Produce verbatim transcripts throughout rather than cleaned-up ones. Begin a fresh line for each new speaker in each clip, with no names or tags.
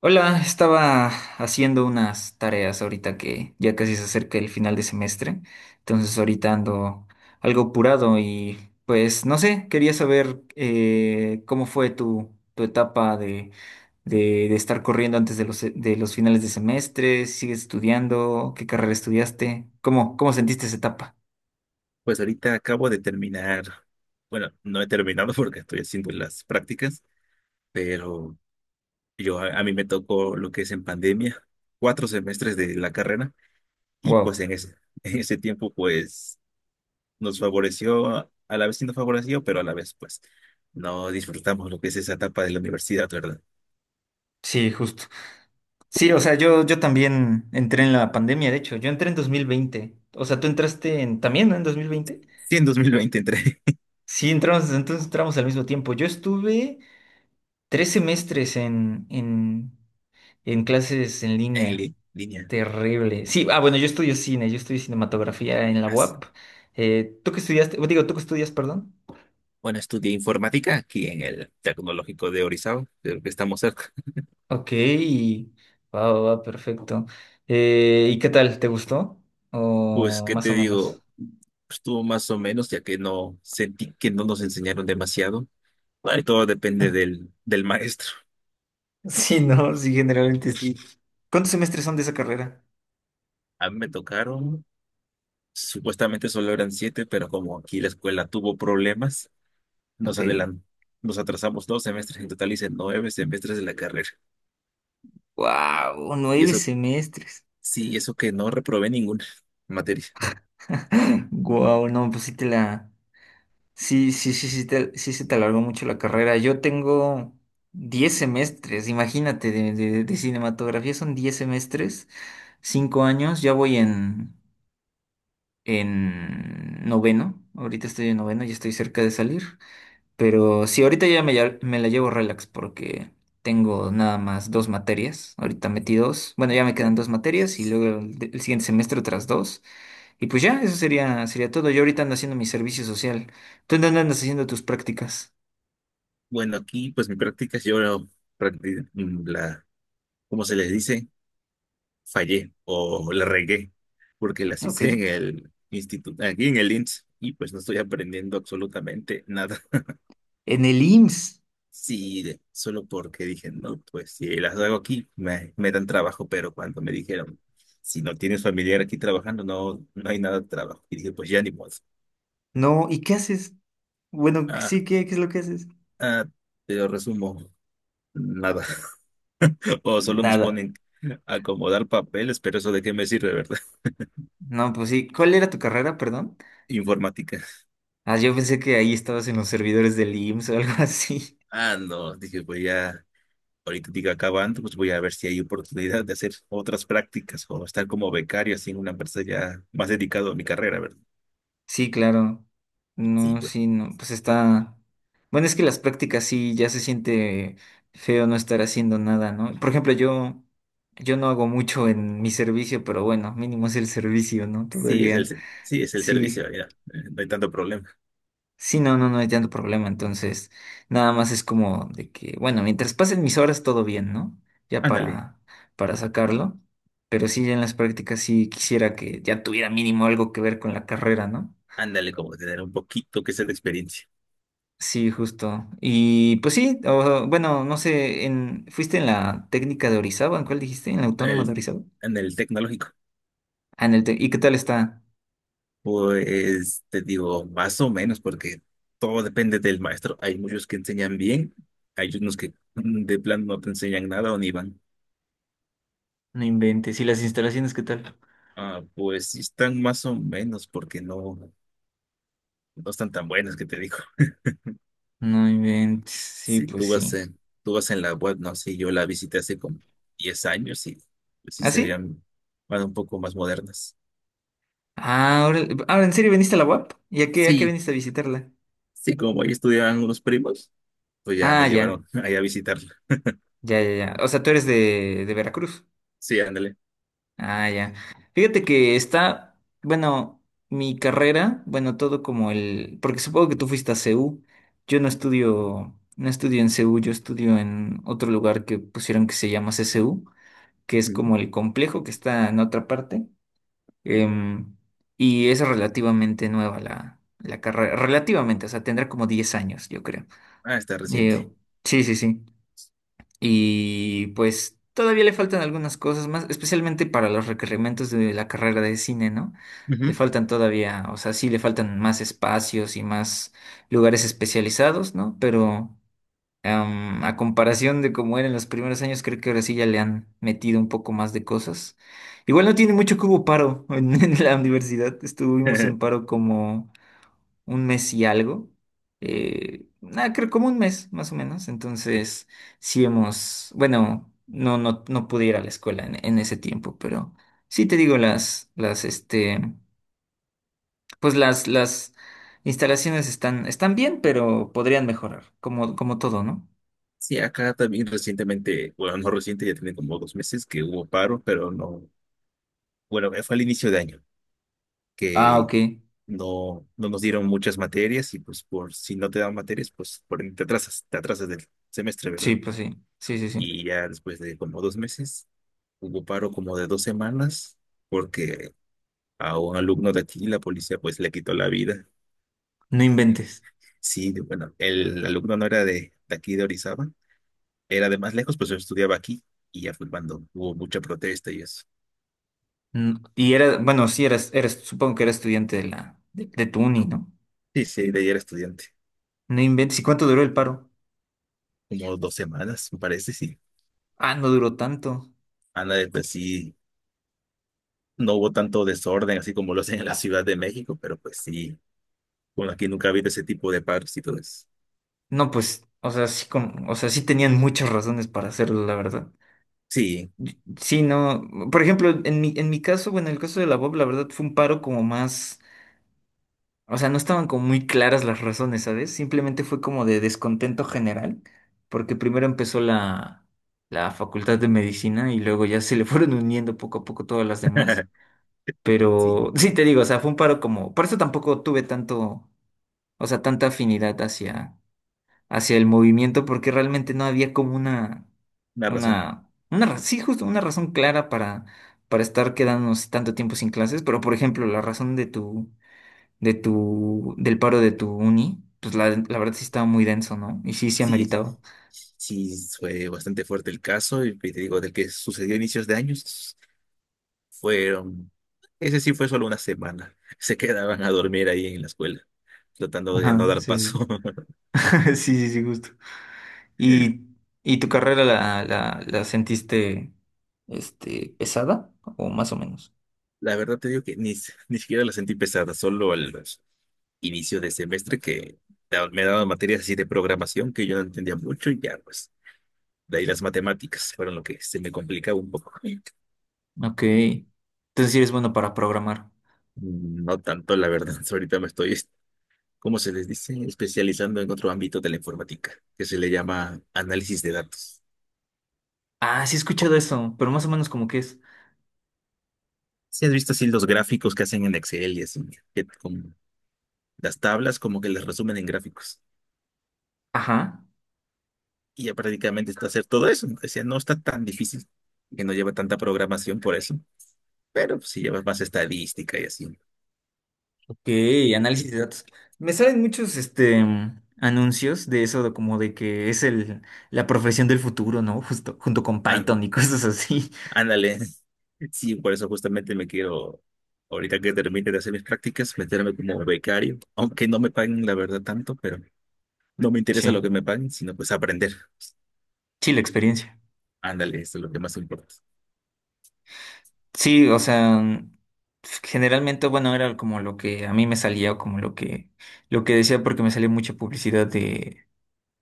Hola, estaba haciendo unas tareas ahorita que ya casi se acerca el final de semestre, entonces ahorita ando algo apurado y pues no sé, quería saber eh, cómo fue tu, tu etapa de, de, de estar corriendo antes de los, de los finales de semestre, si sigues estudiando, qué carrera estudiaste, cómo, cómo sentiste esa etapa.
Pues ahorita acabo de terminar, bueno, no he terminado porque estoy haciendo las prácticas, pero yo a, a mí me tocó lo que es en pandemia, cuatro semestres de la carrera y pues
Wow,
en ese, en ese tiempo pues nos favoreció, a la vez sí nos favoreció, pero a la vez pues no disfrutamos lo que es esa etapa de la universidad, ¿verdad?
sí, justo. Sí, o sea, yo, yo también entré en la pandemia, de hecho, yo entré en dos mil veinte, o sea, ¿tú entraste en, también, ¿no? en dos mil veinte?
Sí, en dos mil veinte entré
Sí, entramos, entonces entramos al mismo tiempo. Yo estuve tres semestres en, en, en clases en
en
línea.
li- línea.
Terrible. Sí, ah, bueno, yo estudio cine, yo estudio cinematografía en la
Así.
U A P. Eh, ¿tú qué estudiaste? Bueno, digo, ¿tú qué estudias, perdón?
Bueno, estudié informática aquí en el Tecnológico de Orizaba, creo que estamos cerca.
Ok, va, va, va, perfecto. Eh, ¿y qué tal? ¿Te gustó?
Pues,
O
¿qué
más
te
o menos.
digo? Pues, estuvo más o menos, ya que no sentí que no nos enseñaron demasiado. Ahí todo depende del, del maestro.
Sí, no, sí, generalmente sí. ¿Cuántos semestres son de esa carrera?
A mí me tocaron, supuestamente solo eran siete, pero como aquí la escuela tuvo problemas, nos
Ok.
adelan- nos atrasamos dos semestres, en total hice nueve semestres de la carrera.
Wow,
Y
nueve
eso,
semestres.
sí, eso que no reprobé ninguna materia.
Wow, no, pues sí te la, sí, sí, sí, sí, te- sí se te alargó mucho la carrera. Yo tengo diez semestres, imagínate, de, de- de cinematografía son diez semestres, cinco años, ya voy en, en noveno, ahorita estoy en noveno, ya estoy cerca de salir, pero sí, ahorita ya me, ya- me la llevo relax porque tengo nada más dos materias, ahorita metí dos, bueno, ya me quedan dos materias y luego el, el siguiente semestre otras dos. Y pues ya, eso sería, sería todo. Yo ahorita ando haciendo mi servicio social. ¿Tú en dónde andas haciendo tus prácticas?
Bueno, aquí pues mi práctica, yo practi- mm, la, ¿cómo se les dice? Fallé o la regué porque las
Ok.
hice en el instituto, aquí en el I N doble S y pues no estoy aprendiendo absolutamente nada.
En el I M S S.
Sí, de- solo porque dije, no, pues si las hago aquí me, me dan trabajo, pero cuando me dijeron, si no tienes familiar aquí trabajando, no, no hay nada de trabajo. Y dije, pues ya ni modo.
No, ¿y qué haces? Bueno,
Ah,
sí, ¿qué, qué es lo que haces?
ah, pero resumo, nada. O solo nos
Nada.
ponen a acomodar papeles, pero eso de qué me sirve, ¿verdad?
No, pues sí. ¿Cuál era tu carrera, perdón?
Informática.
Ah, yo pensé que ahí estabas en los servidores del I M S S o algo así.
Ah, no, dije, pues ya. Ahorita diga acabando, pues voy a ver si hay oportunidad de hacer otras prácticas o estar como becario así en una empresa ya más dedicado a mi carrera, ¿verdad?
Sí, claro.
Sí,
No,
pues,
sí, no. Pues está. Bueno, es que las prácticas sí ya se siente feo no estar haciendo nada, ¿no? Por ejemplo, yo, yo no hago mucho en mi servicio, pero bueno, mínimo es el servicio, ¿no?
sí es el,
Todavía.
se- sí es el
Sí.
servicio, mira, eh, no hay tanto problema.
Sí, no, no, no hay tanto problema. Entonces, nada más es como de que, bueno, mientras pasen mis horas, todo bien, ¿no? Ya
Ándale,
para, para sacarlo. Pero sí, ya en las prácticas sí quisiera que ya tuviera mínimo algo que ver con la carrera, ¿no?
ándale, como tener un poquito que sea de experiencia
Sí, justo. Y pues sí, o- bueno, no sé, en, ¿fuiste en la técnica de Orizaba? ¿En cuál dijiste? ¿En la
en
autónoma de
el,
Orizaba?
en el tecnológico.
Ah, en el te- ¿Y qué tal está?
Pues te digo, más o menos, porque todo depende del maestro. Hay muchos que enseñan bien, hay unos que mm, de plano no te enseñan nada o ni van.
No inventes. ¿Y las instalaciones qué tal?
Ah, pues sí están más o menos, porque no. No están tan buenas que te digo.
No inventes. Sí,
Si tú
pues
vas
sí.
en, tú vas en la web, no sé, yo la visité hace como diez años y pues sí
¿Ah,
se
sí?
veían bueno un poco más modernas.
Ah, ahora, ahora, ¿en serio veniste a la U A P? ¿Y a qué, a qué
Sí,
viniste a visitarla?
sí, como ahí estudiaban unos primos, pues ya
Ah,
me
ya,
llevaron ahí a visitarla.
ya, ya, ya. O sea, tú eres de, de Veracruz.
Sí, ándale.
Ah, ya. Fíjate que está, bueno, mi carrera, bueno, todo como el, porque supongo que tú fuiste a C U. Yo no estudio, no estudio en C U, yo estudio en otro lugar que pusieron que se llama C C U, que es
Ujú.
como el complejo que está en otra parte. Em, y es relativamente nueva la, la carrera, relativamente, o sea, tendrá como diez años, yo creo.
Ah, está reciente.
Eh, sí, sí, sí. Y pues todavía le faltan algunas cosas más, especialmente para los requerimientos de la carrera de cine, ¿no? Le
Ujú.
faltan todavía, o sea, sí le faltan más espacios y más lugares especializados, ¿no? Pero em, a comparación de cómo era en los primeros años, creo que ahora sí ya le han metido un poco más de cosas. Igual no tiene mucho que hubo paro en, en la universidad, estuvimos en paro como un mes y algo. Eh, nada, creo como un mes más o menos. Entonces, sí hemos, bueno, no, no, no pude ir a la escuela en, en ese tiempo, pero sí te digo, las, las, este, pues las, las instalaciones están, están bien, pero podrían mejorar, como, como todo, ¿no?
Sí, acá también recientemente, bueno, no reciente, ya tiene como dos meses que hubo paro, pero no, bueno, fue al inicio de año,
Ah,
que
ok.
no, no nos dieron muchas materias y pues por si no te dan materias, pues por, te atrasas, te atrasas del semestre,
Sí,
¿verdad?
pues sí, sí, sí, sí.
Y ya después de como dos meses, hubo paro como de dos semanas porque a un alumno de aquí la policía pues le quitó la vida.
No inventes.
Sí, de- bueno, el alumno no era de, de aquí de Orizaba, era de más lejos, pues yo estudiaba aquí y ya fue cuando hubo mucha protesta y eso.
Mm, Y era, bueno, sí, eras, eras, supongo que era estudiante de la, de, de tu uni, ¿no?
Sí, sí, de ahí era estudiante,
No inventes. ¿Y cuánto duró el paro?
como dos semanas, me parece, sí.
Ah, no duró tanto.
Ana, pues sí. No hubo tanto desorden así como lo hacen en la Ciudad de México, pero pues sí, bueno, aquí nunca ha habido ese tipo de paros y todo eso.
No, pues, o sea, sí, con- o sea, sí tenían muchas razones para hacerlo, la verdad.
Sí,
Y- sí, no, por ejemplo, en mi, en mi caso, bueno, en el caso de la Bob, la verdad fue un paro como más, o sea, no estaban como muy claras las razones, ¿sabes? Simplemente fue como de descontento general, porque primero empezó la, la Facultad de Medicina y luego ya se le fueron uniendo poco a poco todas las demás.
sí,
Pero sí te digo, o sea, fue un paro como, por eso tampoco tuve tanto, o sea, tanta afinidad hacia hacia el movimiento porque realmente no había como una,
una razón.
una, una, ra- sí, justo una razón clara para, para estar quedándonos tanto tiempo sin clases, pero por ejemplo, la razón de tu, de tu, del paro de tu uni, pues la, la verdad sí estaba muy denso, ¿no? Y sí, sí
Sí,
ameritaba.
sí, fue bastante fuerte el caso y te digo, del que sucedió a inicios de años, fueron, ese sí fue solo una semana. Se quedaban a dormir ahí en la escuela, tratando de no
Ajá,
dar
sí, sí.
paso.
Sí, sí, sí, justo. ¿Y, y tu carrera la, la, la sentiste, este, pesada o más o menos?
La verdad te digo que ni, s- ni siquiera la sentí pesada, solo al inicio de semestre que da- me daban materias así de programación que yo no entendía mucho y ya pues de ahí las matemáticas fueron lo que se me complicaba un poco.
Ok. Entonces sí eres bueno para programar.
Mm, no tanto, la verdad, ahorita me estoy, ¿como se les dice? Especializando en otro ámbito de la informática, que se le llama análisis de datos.
Ah, sí he escuchado eso, pero más o menos como que es.
Si has visto así los gráficos que hacen en Excel y así, que con las tablas como que les resumen en gráficos.
Ajá,
Y ya prácticamente está hacer todo eso. Decía, no está tan difícil, que no lleva tanta programación por eso, pero pues, sí lleva más estadística y así.
ok, análisis de datos. Me salen muchos este mm, anuncios de eso, de como de que es el la profesión del futuro, ¿no? Justo junto con
Ah,
Python y cosas así.
ándale. Sí, por eso justamente me quiero, ahorita que termine de hacer mis prácticas, meterme como becario, aunque no me paguen la verdad tanto, pero no me interesa lo
Sí,
que me paguen, sino pues aprender.
sí, la experiencia.
Ándale, eso es lo que más importa.
Sí, o sea, mm, generalmente, bueno, era como lo que a mí me salía o como lo que lo que decía porque me salía mucha publicidad de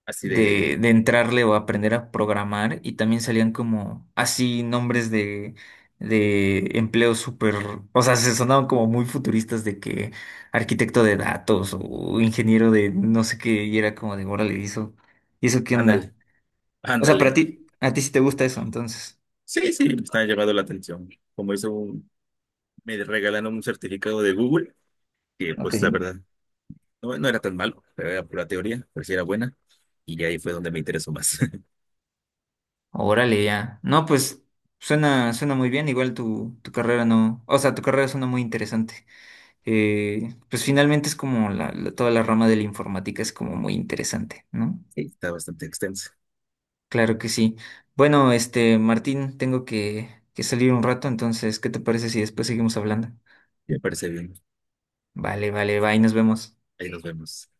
Así de,
de, de entrarle o aprender a programar y también salían como así nombres de, de empleos súper, o sea, se sonaban como muy futuristas de que arquitecto de datos o ingeniero de no sé qué y era como de, órale, ¿y eso, ¿y eso qué onda?
ándale,
O sea, para
ándale.
ti, a ti sí te gusta eso, entonces.
Sí, sí, me está llamando la atención. Como hizo un, me regalaron un certificado de Google, que
Ok.
pues la verdad no, no era tan malo, pero era pura teoría, pero sí era buena. Y ahí fue donde me interesó más.
Órale, ya. No, pues suena, suena muy bien, igual tu, tu carrera no, o sea, tu carrera suena muy interesante. Eh, pues finalmente es como la, la- toda la rama de la informática es como muy interesante, ¿no?
Sí, está bastante extenso.
Claro que sí. Bueno, este, Martín, tengo que, que salir un rato, entonces, ¿qué te parece si después seguimos hablando?
Me parece bien.
Vale, vale, bye, nos vemos.
Ahí nos vemos.